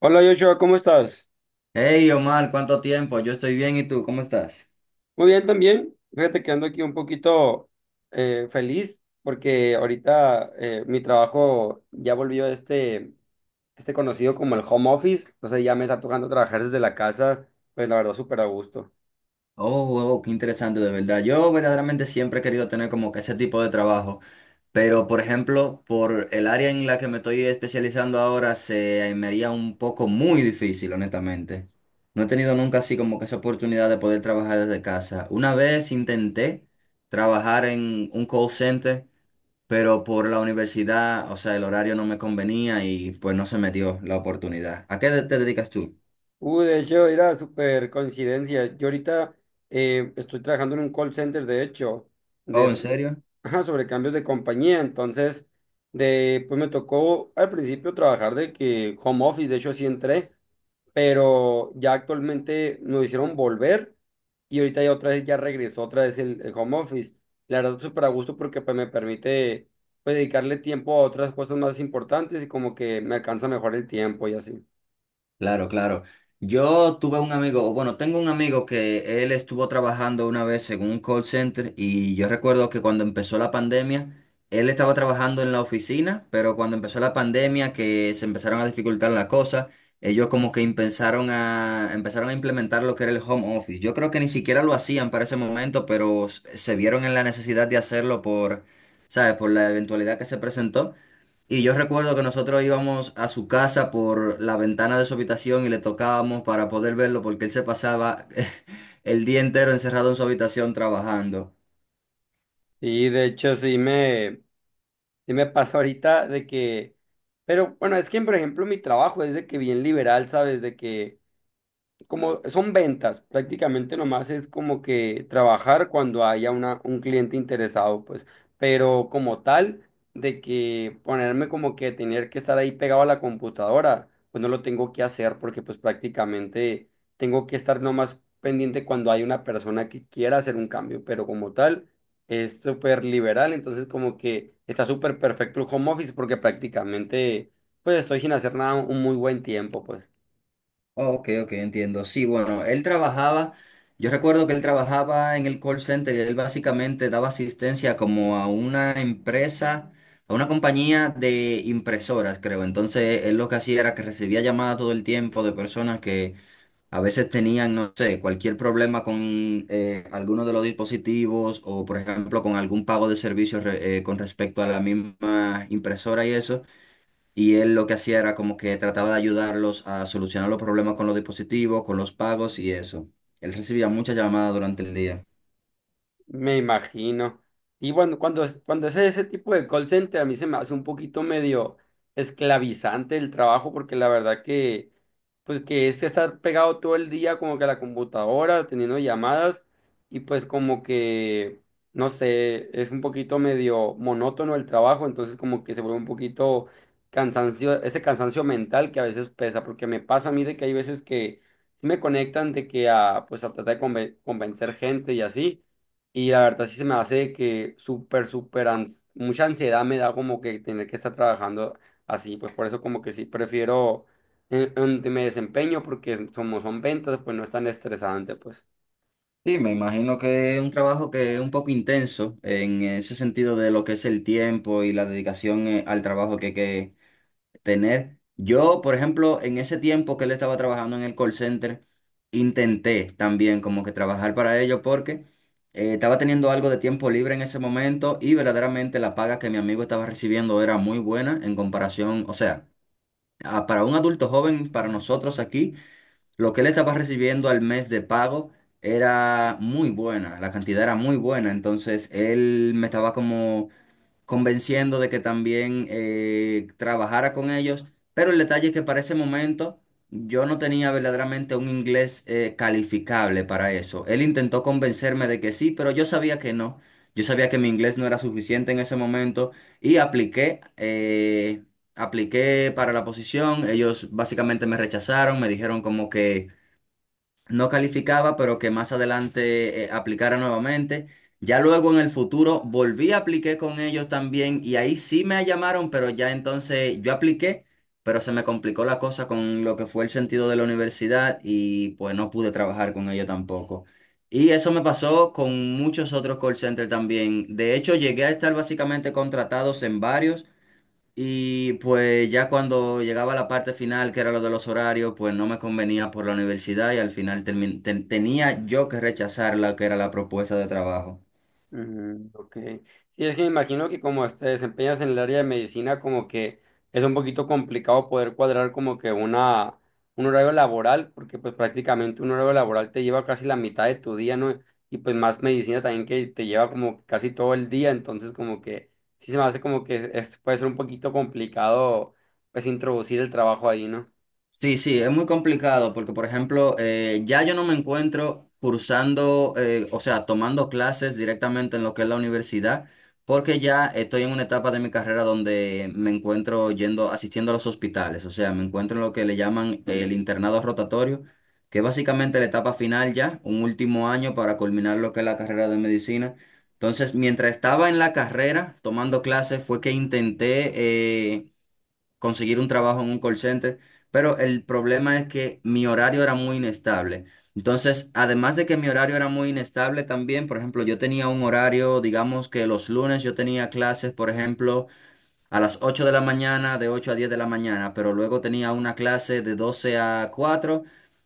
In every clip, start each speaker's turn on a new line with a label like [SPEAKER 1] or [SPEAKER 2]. [SPEAKER 1] Hola Joshua, ¿cómo estás?
[SPEAKER 2] Hey Omar, ¿cuánto tiempo? Yo estoy bien, ¿y tú? ¿Cómo estás?
[SPEAKER 1] Muy bien también. Fíjate que ando aquí un poquito feliz porque ahorita mi trabajo ya volvió a este conocido como el home office. Entonces ya me está tocando trabajar desde la casa, pues la verdad súper a gusto.
[SPEAKER 2] Oh, oh, qué interesante, de verdad. Yo verdaderamente siempre he querido tener como que ese tipo de trabajo, pero por ejemplo, por el área en la que me estoy especializando ahora se me haría un poco muy difícil, honestamente. No he tenido nunca así como que esa oportunidad de poder trabajar desde casa. Una vez intenté trabajar en un call center, pero por la universidad, o sea, el horario no me convenía y pues no se me dio la oportunidad. ¿A qué te dedicas tú?
[SPEAKER 1] De hecho, era súper coincidencia. Yo ahorita estoy trabajando en un call center, de hecho, de
[SPEAKER 2] Oh, ¿en
[SPEAKER 1] sobre,
[SPEAKER 2] serio?
[SPEAKER 1] ajá, sobre cambios de compañía. Entonces, de, pues me tocó al principio trabajar de que home office, de hecho así entré. Pero ya actualmente nos hicieron volver y ahorita ya otra vez ya regresó otra vez el home office. La verdad, súper a gusto porque pues me permite pues dedicarle tiempo a otras cosas más importantes y como que me alcanza mejor el tiempo y así.
[SPEAKER 2] Claro, claro. Yo tuve un amigo, o bueno, tengo un amigo que él estuvo trabajando una vez en un call center y yo recuerdo que cuando empezó la pandemia, él estaba trabajando en la oficina, pero cuando empezó la pandemia que se empezaron a dificultar las cosas, ellos como que empezaron a implementar lo que era el home office. Yo creo que ni siquiera lo hacían para ese momento, pero se vieron en la necesidad de hacerlo por, ¿sabes? Por la eventualidad que se presentó. Y yo recuerdo que nosotros íbamos a su casa por la ventana de su habitación y le tocábamos para poder verlo porque él se pasaba el día entero encerrado en su habitación trabajando.
[SPEAKER 1] Y de hecho sí me pasa ahorita de que, pero bueno, es que por ejemplo mi trabajo es de que bien liberal, ¿sabes? De que como son ventas, prácticamente nomás es como que trabajar cuando haya un cliente interesado, pues, pero como tal, de que ponerme como que tener que estar ahí pegado a la computadora, pues no lo tengo que hacer porque pues prácticamente tengo que estar nomás pendiente cuando hay una persona que quiera hacer un cambio, pero como tal es súper liberal, entonces como que está súper perfecto el home office porque prácticamente pues estoy sin hacer nada un muy buen tiempo, pues.
[SPEAKER 2] Oh, ok, ok, entiendo. Sí, bueno, él trabajaba, yo recuerdo que él trabajaba en el call center y él básicamente daba asistencia como a una empresa, a una compañía de impresoras, creo. Entonces, él lo que hacía era que recibía llamadas todo el tiempo de personas que a veces tenían, no sé, cualquier problema con alguno de los dispositivos o, por ejemplo, con algún pago de servicios con respecto a la misma impresora y eso. Y él lo que hacía era como que trataba de ayudarlos a solucionar los problemas con los dispositivos, con los pagos y eso. Él recibía muchas llamadas durante el día.
[SPEAKER 1] Me imagino. Y bueno, cuando es ese tipo de call center, a mí se me hace un poquito medio esclavizante el trabajo, porque la verdad que, pues que es que estar pegado todo el día como que a la computadora, teniendo llamadas, y pues como que, no sé, es un poquito medio monótono el trabajo, entonces como que se vuelve un poquito cansancio, ese cansancio mental que a veces pesa, porque me pasa a mí de que hay veces que me conectan de que a, pues a tratar de convencer gente y así. Y la verdad sí se me hace que mucha ansiedad me da como que tener que estar trabajando así, pues por eso como que sí prefiero en donde me desempeño como son ventas, pues no es tan estresante, pues.
[SPEAKER 2] Sí, me imagino que es un trabajo que es un poco intenso en ese sentido de lo que es el tiempo y la dedicación al trabajo que tener. Yo, por ejemplo, en ese tiempo que él estaba trabajando en el call center, intenté también como que trabajar para ello porque estaba teniendo algo de tiempo libre en ese momento y verdaderamente la paga que mi amigo estaba recibiendo era muy buena en comparación, o sea, para un adulto joven, para nosotros aquí, lo que él estaba recibiendo al mes de pago era muy buena, la cantidad era muy buena, entonces él me estaba como convenciendo de que también trabajara con ellos. Pero el detalle es que para ese momento yo no tenía verdaderamente un inglés calificable para eso. Él intentó convencerme de que sí, pero yo sabía que no. Yo sabía que mi inglés no era suficiente en ese momento y apliqué, apliqué para la posición. Ellos básicamente me rechazaron, me dijeron como que no calificaba, pero que más adelante aplicara nuevamente. Ya luego en el futuro volví a apliqué con ellos también y ahí sí me llamaron, pero ya entonces yo apliqué, pero se me complicó la cosa con lo que fue el sentido de la universidad y pues no pude trabajar con ellos tampoco. Y eso me pasó con muchos otros call centers también. De hecho, llegué a estar básicamente contratados en varios. Y pues ya cuando llegaba la parte final, que era lo de los horarios, pues no me convenía por la universidad y al final tenía yo que rechazar la que era la propuesta de trabajo.
[SPEAKER 1] Mm, ok. Sí, es que me imagino que como te desempeñas en el área de medicina, como que es un poquito complicado poder cuadrar como que un horario laboral, porque pues prácticamente un horario laboral te lleva casi la mitad de tu día, ¿no? Y pues más medicina también que te lleva como casi todo el día, entonces como que sí se me hace como que es, puede ser un poquito complicado pues introducir el trabajo ahí, ¿no?
[SPEAKER 2] Sí, sí, es muy complicado porque, por ejemplo, ya yo no me encuentro cursando, o sea, tomando clases directamente en lo que es la universidad, porque ya estoy en una etapa de mi carrera donde me encuentro yendo, asistiendo a los hospitales, o sea, me encuentro en lo que le llaman el internado rotatorio, que es básicamente la etapa final ya, un último año para culminar lo que es la carrera de medicina. Entonces, mientras estaba en la carrera tomando clases, fue que intenté... eh, conseguir un trabajo en un call center, pero el problema es que mi horario era muy inestable. Entonces, además de que mi horario era muy inestable también, por ejemplo, yo tenía un horario, digamos que los lunes yo tenía clases, por ejemplo, a las 8 de la mañana, de 8 a 10 de la mañana, pero luego tenía una clase de 12 a 4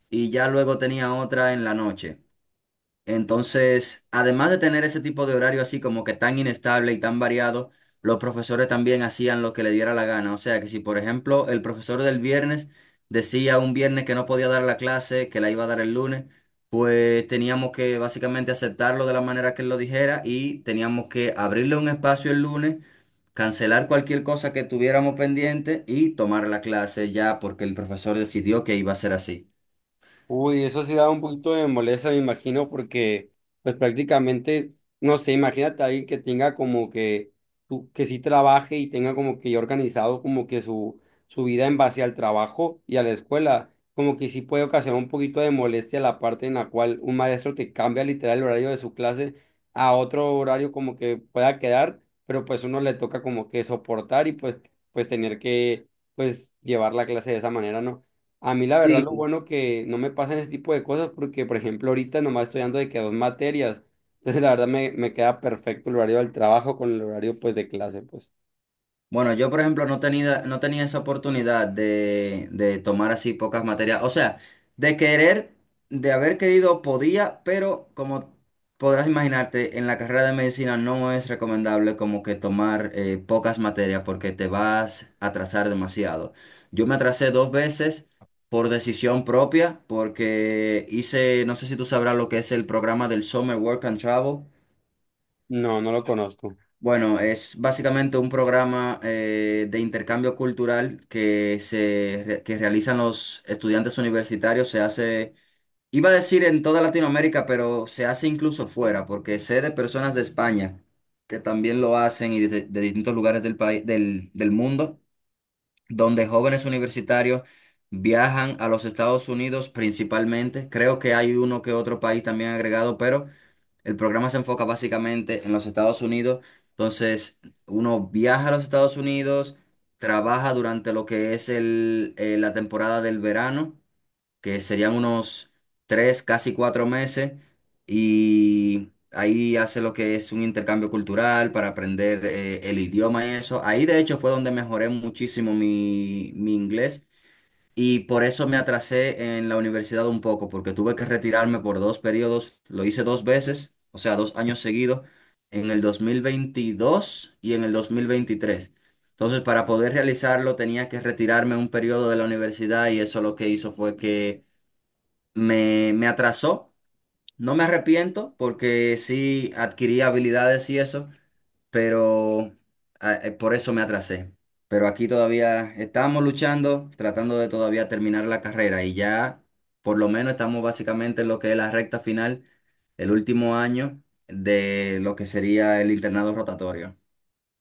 [SPEAKER 2] y ya luego tenía otra en la noche. Entonces, además de tener ese tipo de horario así como que tan inestable y tan variado, los profesores también hacían lo que le diera la gana. O sea que si, por ejemplo, el profesor del viernes decía un viernes que no podía dar la clase, que la iba a dar el lunes, pues teníamos que básicamente aceptarlo de la manera que él lo dijera y teníamos que abrirle un espacio el lunes, cancelar cualquier cosa que tuviéramos pendiente y tomar la clase ya porque el profesor decidió que iba a ser así.
[SPEAKER 1] Uy, eso sí da un poquito de molestia, me imagino, porque pues prácticamente, no sé, imagínate a alguien que tenga como que, que sí trabaje y tenga como que ya organizado como que su vida en base al trabajo y a la escuela, como que sí puede ocasionar un poquito de molestia la parte en la cual un maestro te cambia literal el horario de su clase a otro horario como que pueda quedar, pero pues uno le toca como que soportar y pues, pues tener que pues llevar la clase de esa manera, ¿no? A mí la verdad lo
[SPEAKER 2] Sí.
[SPEAKER 1] bueno que no me pasan ese tipo de cosas porque, por ejemplo, ahorita nomás estoy dando de que dos materias. Entonces, la verdad me queda perfecto el horario del trabajo con el horario pues de clase, pues.
[SPEAKER 2] Bueno, yo por ejemplo no tenía esa oportunidad de tomar así pocas materias. O sea, de querer, de haber querido podía, pero como podrás imaginarte, en la carrera de medicina no es recomendable como que tomar pocas materias porque te vas a atrasar demasiado. Yo me atrasé dos veces por decisión propia porque hice, no sé si tú sabrás lo que es el programa del Summer Work and Travel.
[SPEAKER 1] No, no lo conozco.
[SPEAKER 2] Bueno, es básicamente un programa de intercambio cultural que que realizan los estudiantes universitarios. Se hace, iba a decir en toda Latinoamérica, pero se hace incluso fuera, porque sé de personas de España que también lo hacen y de distintos lugares del país, del mundo, donde jóvenes universitarios viajan a los Estados Unidos principalmente. Creo que hay uno que otro país también agregado, pero el programa se enfoca básicamente en los Estados Unidos. Entonces, uno viaja a los Estados Unidos, trabaja durante lo que es la temporada del verano, que serían unos tres, casi cuatro meses, y ahí hace lo que es un intercambio cultural para aprender el idioma y eso. Ahí, de hecho, fue donde mejoré muchísimo mi inglés. Y por eso me atrasé en la universidad un poco, porque tuve que retirarme por dos periodos. Lo hice dos veces, o sea, dos años seguidos, en el 2022 y en el 2023. Entonces, para poder realizarlo, tenía que retirarme un periodo de la universidad y eso lo que hizo fue que me atrasó. No me arrepiento porque sí adquirí habilidades y eso, pero por eso me atrasé. Pero aquí todavía estamos luchando, tratando de todavía terminar la carrera y ya por lo menos estamos básicamente en lo que es la recta final, el último año de lo que sería el internado rotatorio.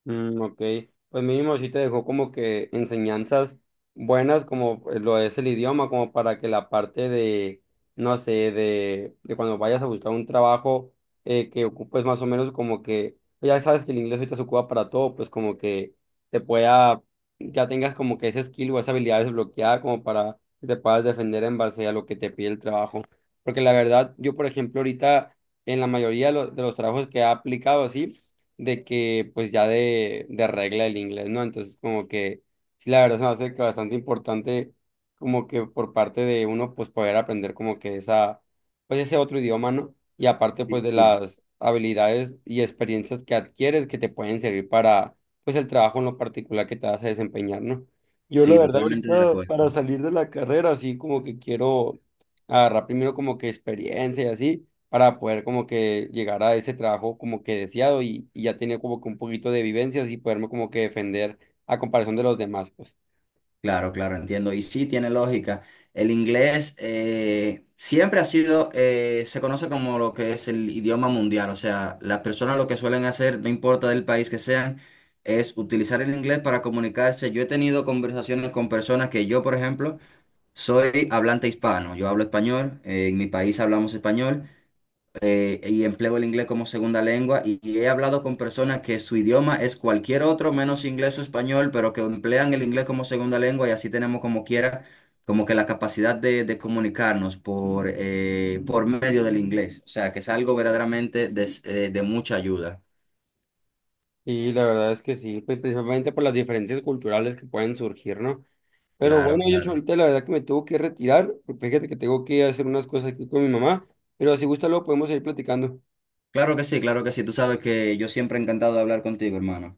[SPEAKER 1] Mm, ok, pues mínimo sí te dejó como que enseñanzas buenas como lo es el idioma, como para que la parte de, no sé, de cuando vayas a buscar un trabajo que ocupes más o menos como que, pues ya sabes que el inglés ahorita se ocupa para todo, pues como que te pueda, ya tengas como que ese skill o esa habilidad desbloqueada como para que te puedas defender en base a lo que te pide el trabajo. Porque la verdad, yo por ejemplo ahorita en la mayoría de de los trabajos que he aplicado así, de que pues ya de regla el inglés, ¿no? Entonces como que sí, la verdad se me hace que bastante importante como que por parte de uno pues poder aprender como que esa, pues ese otro idioma, ¿no? Y aparte
[SPEAKER 2] Sí,
[SPEAKER 1] pues de
[SPEAKER 2] sí.
[SPEAKER 1] las habilidades y experiencias que adquieres que te pueden servir para pues el trabajo en lo particular que te vas a desempeñar, ¿no? Yo la
[SPEAKER 2] Sí,
[SPEAKER 1] verdad
[SPEAKER 2] totalmente de
[SPEAKER 1] ahorita
[SPEAKER 2] acuerdo.
[SPEAKER 1] para salir de la carrera, así como que quiero agarrar primero como que experiencia y así para poder como que llegar a ese trabajo como que deseado y ya tenía como que un poquito de vivencias y poderme como que defender a comparación de los demás, pues.
[SPEAKER 2] Claro, claro, entiendo. Y sí, tiene lógica. El inglés siempre ha sido, se conoce como lo que es el idioma mundial. O sea, las personas lo que suelen hacer, no importa del país que sean, es utilizar el inglés para comunicarse. Yo he tenido conversaciones con personas que yo, por ejemplo, soy hablante hispano. Yo hablo español, en mi país hablamos español y empleo el inglés como segunda lengua y he hablado con personas que su idioma es cualquier otro menos inglés o español, pero que emplean el inglés como segunda lengua y así tenemos como quiera, como que la capacidad de comunicarnos por medio del inglés. O sea, que es algo verdaderamente de mucha ayuda.
[SPEAKER 1] Y la verdad es que sí, pues principalmente por las diferencias culturales que pueden surgir, ¿no? Pero
[SPEAKER 2] Claro,
[SPEAKER 1] bueno, yo
[SPEAKER 2] claro.
[SPEAKER 1] ahorita la verdad que me tengo que retirar, porque fíjate que tengo que hacer unas cosas aquí con mi mamá, pero si gusta luego podemos seguir platicando.
[SPEAKER 2] Claro que sí, claro que sí. Tú sabes que yo siempre he encantado de hablar contigo, hermano.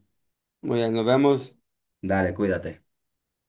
[SPEAKER 1] Muy bien, nos vemos.
[SPEAKER 2] Dale, cuídate.